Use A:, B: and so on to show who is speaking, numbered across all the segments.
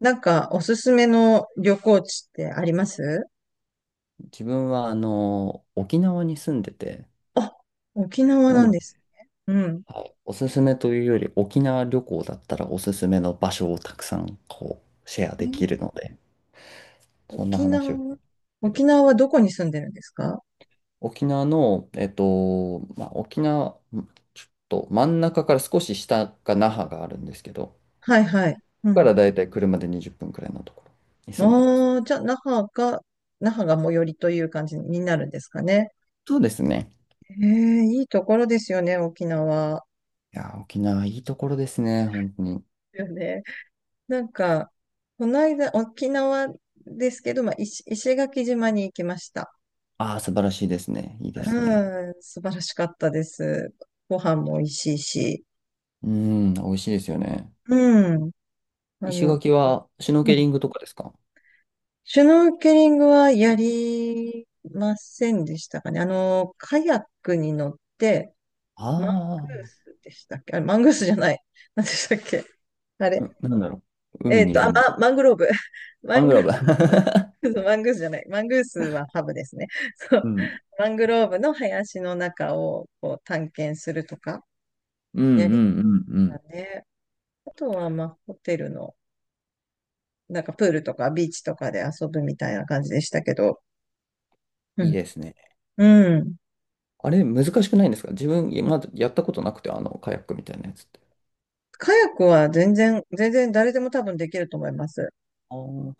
A: なんか、おすすめの旅行地ってあります
B: 自分は沖縄に住んでて、
A: あ、沖縄
B: な
A: な
B: の
A: ん
B: で、
A: ですね。うん。
B: はい、おすすめというより沖縄旅行だったらおすすめの場所をたくさんシェア
A: え
B: できる
A: ー
B: ので、そんな
A: 沖
B: 話を。
A: 縄、
B: け
A: 沖
B: ど
A: 縄はどこに住んでるんですか？
B: 沖縄の、えっと、まあ、沖縄、んちょっと真ん中から少し下が那覇があるんですけど、
A: はいはい。
B: こ
A: う
B: こか
A: ん。
B: らだいたい車で20分くらいのところに住んでます。
A: ああ、じゃあ、那覇が、那覇が最寄りという感じになるんですかね。
B: そうですね。
A: ええ、いいところですよね、沖縄。
B: いや、沖縄いいところですね、本当に。
A: よね。なんか、この間、沖縄ですけど、まあ、石垣島に行きました。
B: ああ、素晴らしいですね。いいですね。
A: うん、素晴らしかったです。ご飯も美味しいし。
B: うん、美味しいですよね。
A: うん。あ
B: 石
A: の、
B: 垣はシュノー
A: う
B: ケ
A: ん、
B: リングとかですか？
A: シュノーケリングはやりませんでしたかね。あの、カヤックに乗って、マングー
B: あ
A: スでしたっけあれ、マングースじゃない。何でしたっけあれ。
B: う、あー、うなんだろう、海
A: えっ
B: に
A: と、
B: いる
A: あ、
B: もん。
A: ま、マングローブ。マ
B: マン
A: ン
B: グ
A: グ
B: ロ
A: ロ
B: ー
A: ーブ、マングースじゃない。マングースはハブですね。そ
B: ブ。
A: う。
B: う。うん。
A: マングローブの林の中をこう探検するとか、
B: うんう
A: やり
B: んうんう
A: ま
B: ん。
A: したね。あとは、まあ、ホテルの、なんかプールとかビーチとかで遊ぶみたいな感じでしたけど、う
B: いい
A: ん
B: ですね。
A: うん。
B: あれ、難しくないんですか？自分、まだやったことなくて、カヤックみたいなやつって。
A: カヤックは全然誰でも多分できると思います。
B: あー、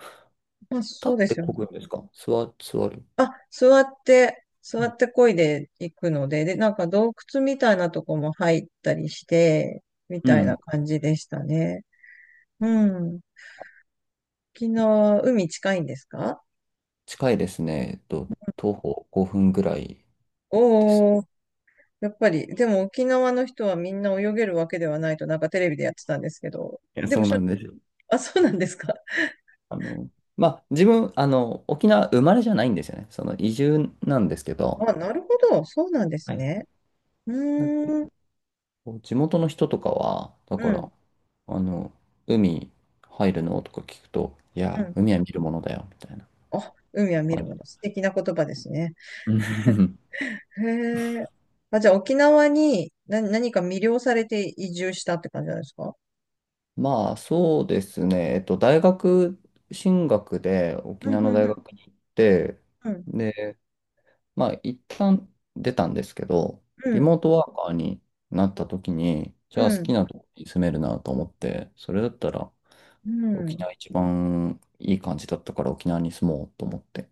A: まあ、
B: 立
A: そう
B: っ
A: で
B: て
A: すよ
B: 漕
A: ね。
B: ぐんですか？座る。
A: あ、座って漕いでいくので、で、なんか洞窟みたいなとこも入ったりして、み
B: う
A: たいな
B: ん。
A: 感じでしたね。うん。沖縄、海近いんですか？
B: 近いですね。えっと、徒歩5分ぐらいです。
A: おー、やっぱり、でも沖縄の人はみんな泳げるわけではないと、なんかテレビでやってたんですけど、
B: いや、
A: で
B: そ
A: も
B: う
A: しょ、
B: なんですよ。
A: あ、そうなんですか。
B: あの、まあ、自分、沖縄生まれじゃないんですよね。その移住なんですけど、
A: あ、なるほど、そうなんです
B: はい。
A: ね。うーん、
B: こう地元の人とかは、だ
A: う
B: か
A: ん。
B: ら、あの、海入るのとか聞くと、い
A: う
B: や、
A: ん、
B: 海は見るものだよ、みたいな
A: あ、海は見る
B: 感
A: も
B: じ。
A: の。素敵な言葉ですね。
B: うん、
A: へえ。あ、じゃあ沖縄に何、何か魅了されて移住したって感じなんですか？
B: まあ、そうですね。大学進学で沖
A: う
B: 縄
A: ん、
B: の
A: う
B: 大
A: ん、
B: 学に行って、
A: うん、
B: で、まあ、一旦出たんですけど、
A: う
B: リ
A: ん、
B: モートワーカーになった時に、じ
A: う
B: ゃあ好き
A: ん、
B: なとこに住めるなと思って、それだったら
A: う
B: 沖
A: ん。
B: 縄一番いい感じだったから沖縄に住もうと思って、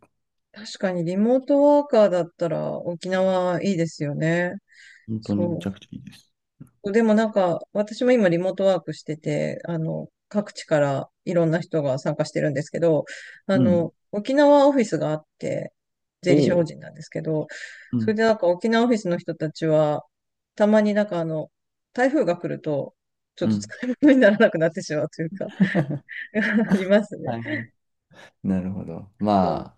A: 確かにリモートワーカーだったら沖縄いいですよね。
B: 本当
A: そ
B: にめちゃ
A: う。
B: くちゃいいです。
A: でもなんか、私も今リモートワークしてて、あの、各地からいろんな人が参加してるんですけど、あ
B: うん。
A: の、沖縄オフィスがあって、税
B: お
A: 理士法
B: お、
A: 人なんですけど、
B: う
A: それ
B: ん。
A: でなんか沖縄オフィスの人たちは、たまになんかあの、台風が来ると、ちょっ
B: う
A: と
B: ん。
A: 使い物にならなくなってしまうというか ありますね。
B: はい。なるほど。
A: そう、
B: まあ、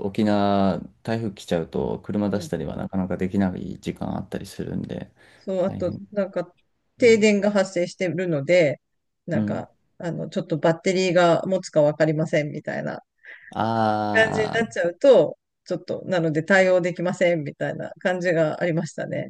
B: 沖縄、台風来ちゃうと、車
A: う
B: 出
A: ん、
B: したりはなかなかできない時間あったりするんで、
A: そう、あ
B: 大
A: と、
B: 変。
A: なんか、
B: う
A: 停電が発生してるので、なん
B: ん。
A: か、あの、ちょっとバッテリーが持つかわかりませんみたいな感じに
B: あ
A: なっちゃうと、ちょっと、なので対応できませんみたいな感じがありましたね。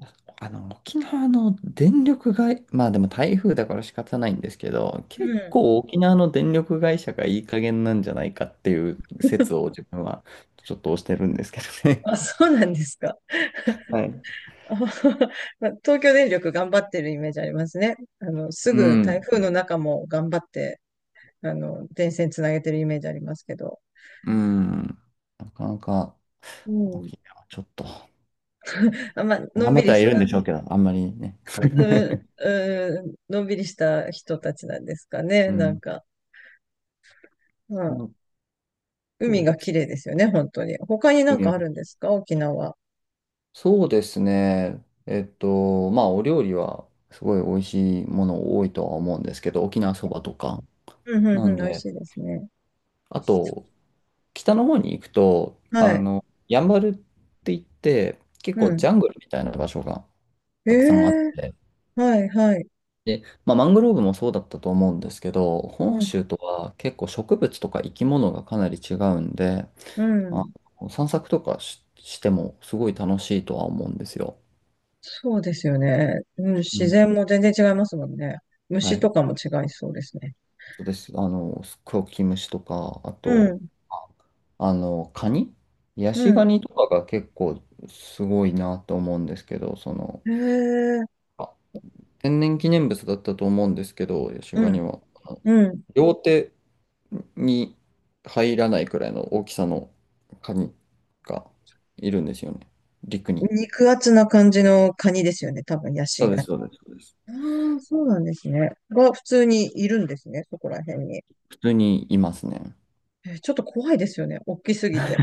B: あ、沖縄の電力会、まあでも台風だから仕方ないんですけど、
A: う
B: 結
A: ん。
B: 構沖縄の電力会社がいい加減なんじゃないかっていう説を自分はちょっと推してるんですけどね。
A: あ、そうなんですか。
B: はい。
A: あはは。まあ東京電力頑張ってるイメージありますね。あの、す
B: う
A: ぐ台
B: ん、
A: 風の中も頑張って、あの、電線つなげてるイメージありますけど。
B: うん。なかなか。
A: うん。
B: 沖縄、ちょっと。
A: あ、まあ、の
B: 頑
A: ん
B: 張
A: び
B: って
A: り
B: はい
A: し
B: るんで
A: た、
B: しょうけど、あんまりね。
A: うん、うん、のんびりした人たちなんですかね。
B: う
A: なん
B: ん。
A: か、まあ
B: まあ、そ
A: 海
B: う
A: が
B: で
A: 綺
B: す
A: 麗ですよね、本当に。他になんかあ
B: ね。
A: るんですか沖縄。
B: そうですね。まあ、お料理はすごい美味しいもの多いとは思うんですけど、沖縄そばとか。
A: うん、う
B: な
A: ん、うん、
B: ん
A: 美味
B: で、
A: しいですね。
B: あと、北の方に行くと、
A: はい。
B: やんばるって言って、結
A: う
B: 構ジ
A: ん。
B: ャングルみたいな場所が
A: え
B: たくさんあっ
A: え、
B: て、
A: はいはい。
B: で、まあ、マングローブもそうだったと思うんですけど、
A: う
B: 本
A: ん、
B: 州とは結構植物とか生き物がかなり違うんで、
A: う
B: あ、
A: ん。
B: 散策とかし、してもすごい楽しいとは思うんですよ。
A: そうですよね。うん、
B: う
A: 自
B: ん。
A: 然も全然違いますもんね。
B: は
A: 虫と
B: い。
A: かも違いそうですね。
B: そうです。クキムシとか、あ
A: う
B: と、
A: ん、
B: ああの、カニヤ
A: う
B: シガ
A: ん。
B: ニとかが結構すごいなと思うんですけど、その、
A: へえ、
B: あ天然記念物だったと思うんですけど、ヤシ
A: う
B: ガニ
A: ん、
B: は、
A: うん。
B: 両手に入らないくらいの大きさのカニがいるんですよね。陸に。
A: 肉厚な感じのカニですよね、多分、ヤ
B: そ
A: シ
B: うで
A: が。あ
B: す、そうです、そうです。
A: あ、そうなんですね。が、普通にいるんですね、そこら辺に。
B: 普通にいますね。
A: えーちょっと怖いですよね、大きすぎて。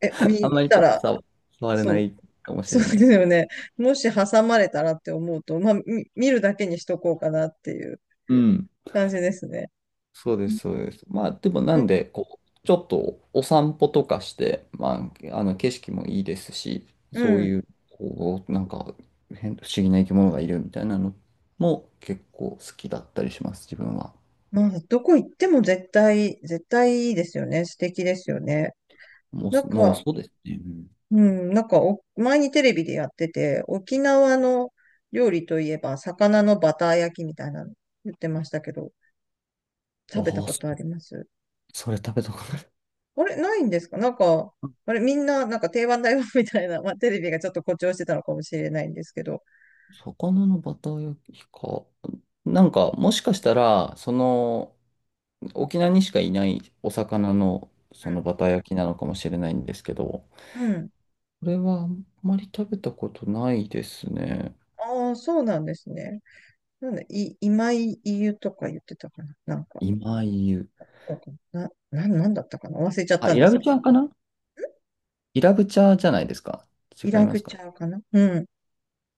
A: え、
B: あんま
A: 見
B: りち
A: た
B: ょっと
A: ら、
B: さ、触れ
A: そ
B: な
A: う、
B: いかもし
A: そう
B: れ
A: で
B: な
A: す
B: い。
A: よね。もし挟まれたらって思うと、まあ、見るだけにしとこうかなっていう。
B: うん。
A: 感じですね。
B: そうで
A: う
B: す、そうです。まあ、でもな
A: ん。
B: んで、こう、ちょっとお散歩とかして、まあ、景色もいいですし、
A: う
B: そう
A: ん、
B: いう、こう、なんか変、不思議な生き物がいるみたいなのも結構好きだったりします、自分は。
A: まあ、どこ行っても絶対、絶対いいですよね。素敵ですよね。
B: も
A: なん
B: う、もう
A: か、
B: そうですね。
A: うん、なんかお、前にテレビでやってて、沖縄の料理といえば、魚のバター焼きみたいなの言ってましたけど、
B: お
A: 食べた
B: お、
A: ことあります？
B: それ食べたことない。
A: あれ、ないんですか？なんか、あれ、みんな、なんか定番だよ みたいな、まあ、テレビがちょっと誇張してたのかもしれないんですけど。
B: 魚のバター焼きか。なんか、もしかしたら、その、沖縄にしかいないお魚の
A: う
B: その
A: ん、
B: バター焼きなのかもしれないんですけど、こ
A: うん。
B: れはあんまり食べたことないですね。
A: ああ、そうなんですね。なんだ、い、今井湯とか言ってたかな、なんか。
B: 今湯。
A: だっからな、なんだったかな忘れちゃっ
B: あ、
A: たん
B: イ
A: で
B: ラ
A: す
B: ブ
A: けど。
B: チャーかな？イラブチャーじゃないですか？
A: イ
B: 違い
A: ラ
B: ま
A: グ
B: す
A: チ
B: か？
A: ャーかな、うん。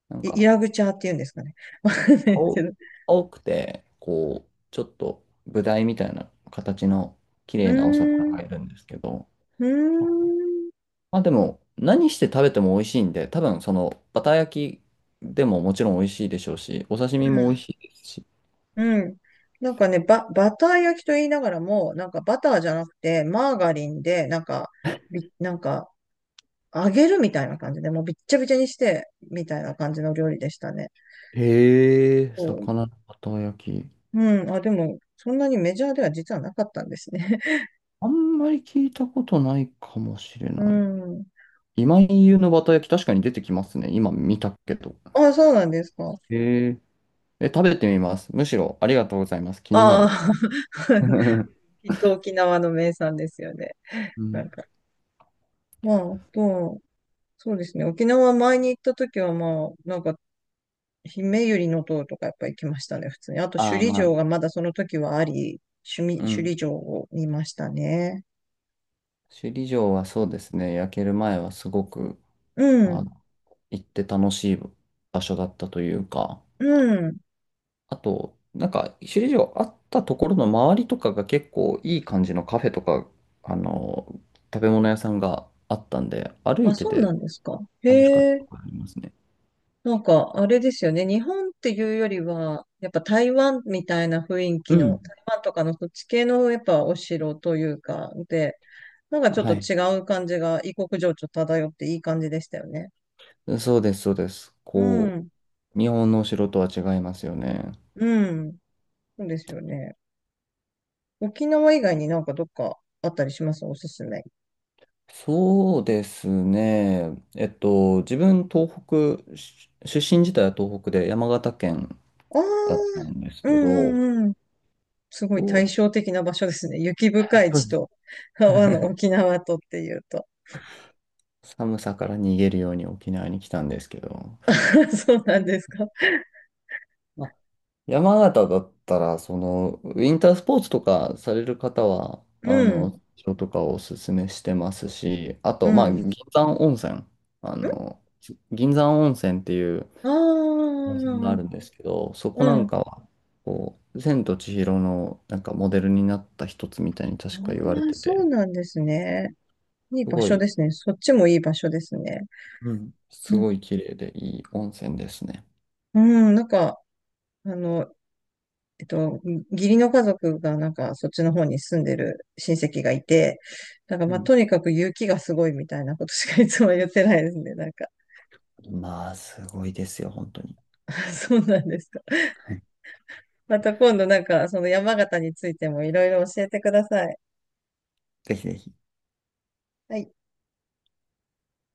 B: なん
A: イイ
B: か、
A: ラグチャーって言うんですかね。わかんないです
B: 青、
A: けど。
B: 青くて、こう、ちょっとブダイみたいな形の綺
A: う
B: 麗なお魚
A: ーん、う
B: がいるんですけど、
A: ーん、
B: まあでも、何して食べても美味しいんで、多分そのバター焼きでももちろん美味しいでしょうし、お刺
A: う
B: 身も美味
A: ん、
B: しいですし、
A: うん。なんかね、バター焼きと言いながらも、なんかバターじゃなくて、マーガリンで、なんか、び、なんか、揚げるみたいな感じで、もうびっちゃびちゃにして、みたいな感じの料理でしたね。
B: へえ、
A: そう。
B: 魚のバター焼き。
A: うん。あ、でも、そんなにメジャーでは実はなかったんですね。
B: あんまり聞いたことないかもしれ
A: う
B: ない。
A: ん。
B: 今井優のバター焼き、確かに出てきますね。今見たけど。
A: あ、そうなんですか。
B: へえ。え、食べてみます。むしろありがとうございます。気にな
A: あ
B: る。
A: あ。きっと沖縄の名産ですよね。
B: う
A: な
B: ん。
A: んか。まあ、まあと、そうですね。沖縄前に行った時は、まあ、なんか、姫百合の塔とかやっぱ行きましたね、普通に。あと、
B: ああ、
A: 首里
B: ま
A: 城
B: あ、
A: がまだその時はあり、
B: う
A: 首
B: ん。
A: 里城を見ましたね。
B: 首里城はそうですね。焼ける前はすごく、
A: う
B: あ、
A: ん、
B: 行って楽しい場所だったというか。
A: うん。
B: あと、なんか、首里城あったところの周りとかが結構いい感じのカフェとか、あの、食べ物屋さんがあったんで、歩
A: あ、
B: いて
A: そうな
B: て
A: んですか。
B: 楽しかっ
A: へ
B: たと
A: え。
B: ころがありますね。
A: なんか、あれですよね。日本っていうよりは、やっぱ台湾みたいな雰囲気
B: う
A: の、
B: ん。
A: 台湾とかのそっち系のやっぱお城というか、で、なんかちょっ
B: は
A: と
B: い。
A: 違う感じが異国情緒漂っていい感じでしたよね。
B: そうです、そうです。
A: う
B: こ
A: ん。
B: う、日本のお城とは違いますよね。
A: うん。そうですよね。沖縄以外になんかどっかあったりします？おすすめ。
B: そうですね。自分、東北、し出身自体は東北で山形県
A: あ
B: だった
A: あ、
B: んです
A: う
B: け
A: ん
B: ど、
A: うんうん。すごい
B: そう。
A: 対照的な場所ですね。雪深い地と、あの、沖縄とっていうと。
B: 寒さから逃げるように沖縄に来たんですけど、
A: そうなんですか。
B: まあ山形だったら、その、ウィンタースポーツとかされる方は、
A: うん。
B: 人とかをおすすめしてますし、あ
A: う
B: と、まあ、
A: ん。ん、
B: 銀山温泉、あの、銀山温泉っていう
A: ああ、
B: 温泉があるんですけど、そこ
A: う
B: なん
A: ん。
B: かは、こう、千と千尋のなんかモデルになった一つみたいに
A: あ
B: 確か言われ
A: あ、
B: て
A: そう
B: て、
A: なんですね。いい
B: す
A: 場
B: ご
A: 所
B: い、
A: ですね。そっちもいい場所ですね。
B: うん、す
A: うん、
B: ごい綺麗でいい温泉ですね。
A: うん、なんか、あの、えっと、義理の家族がなんかそっちの方に住んでる親戚がいて、なんか
B: う
A: まあ
B: ん。
A: とにかく雪がすごいみたいなことしかいつも言ってないですね、なんか。
B: まあ、すごいですよ、本当に。
A: そうなんですか。
B: はい、
A: また今度なんかその山形についてもいろいろ教えてください。
B: ぜひぜひ。
A: はい。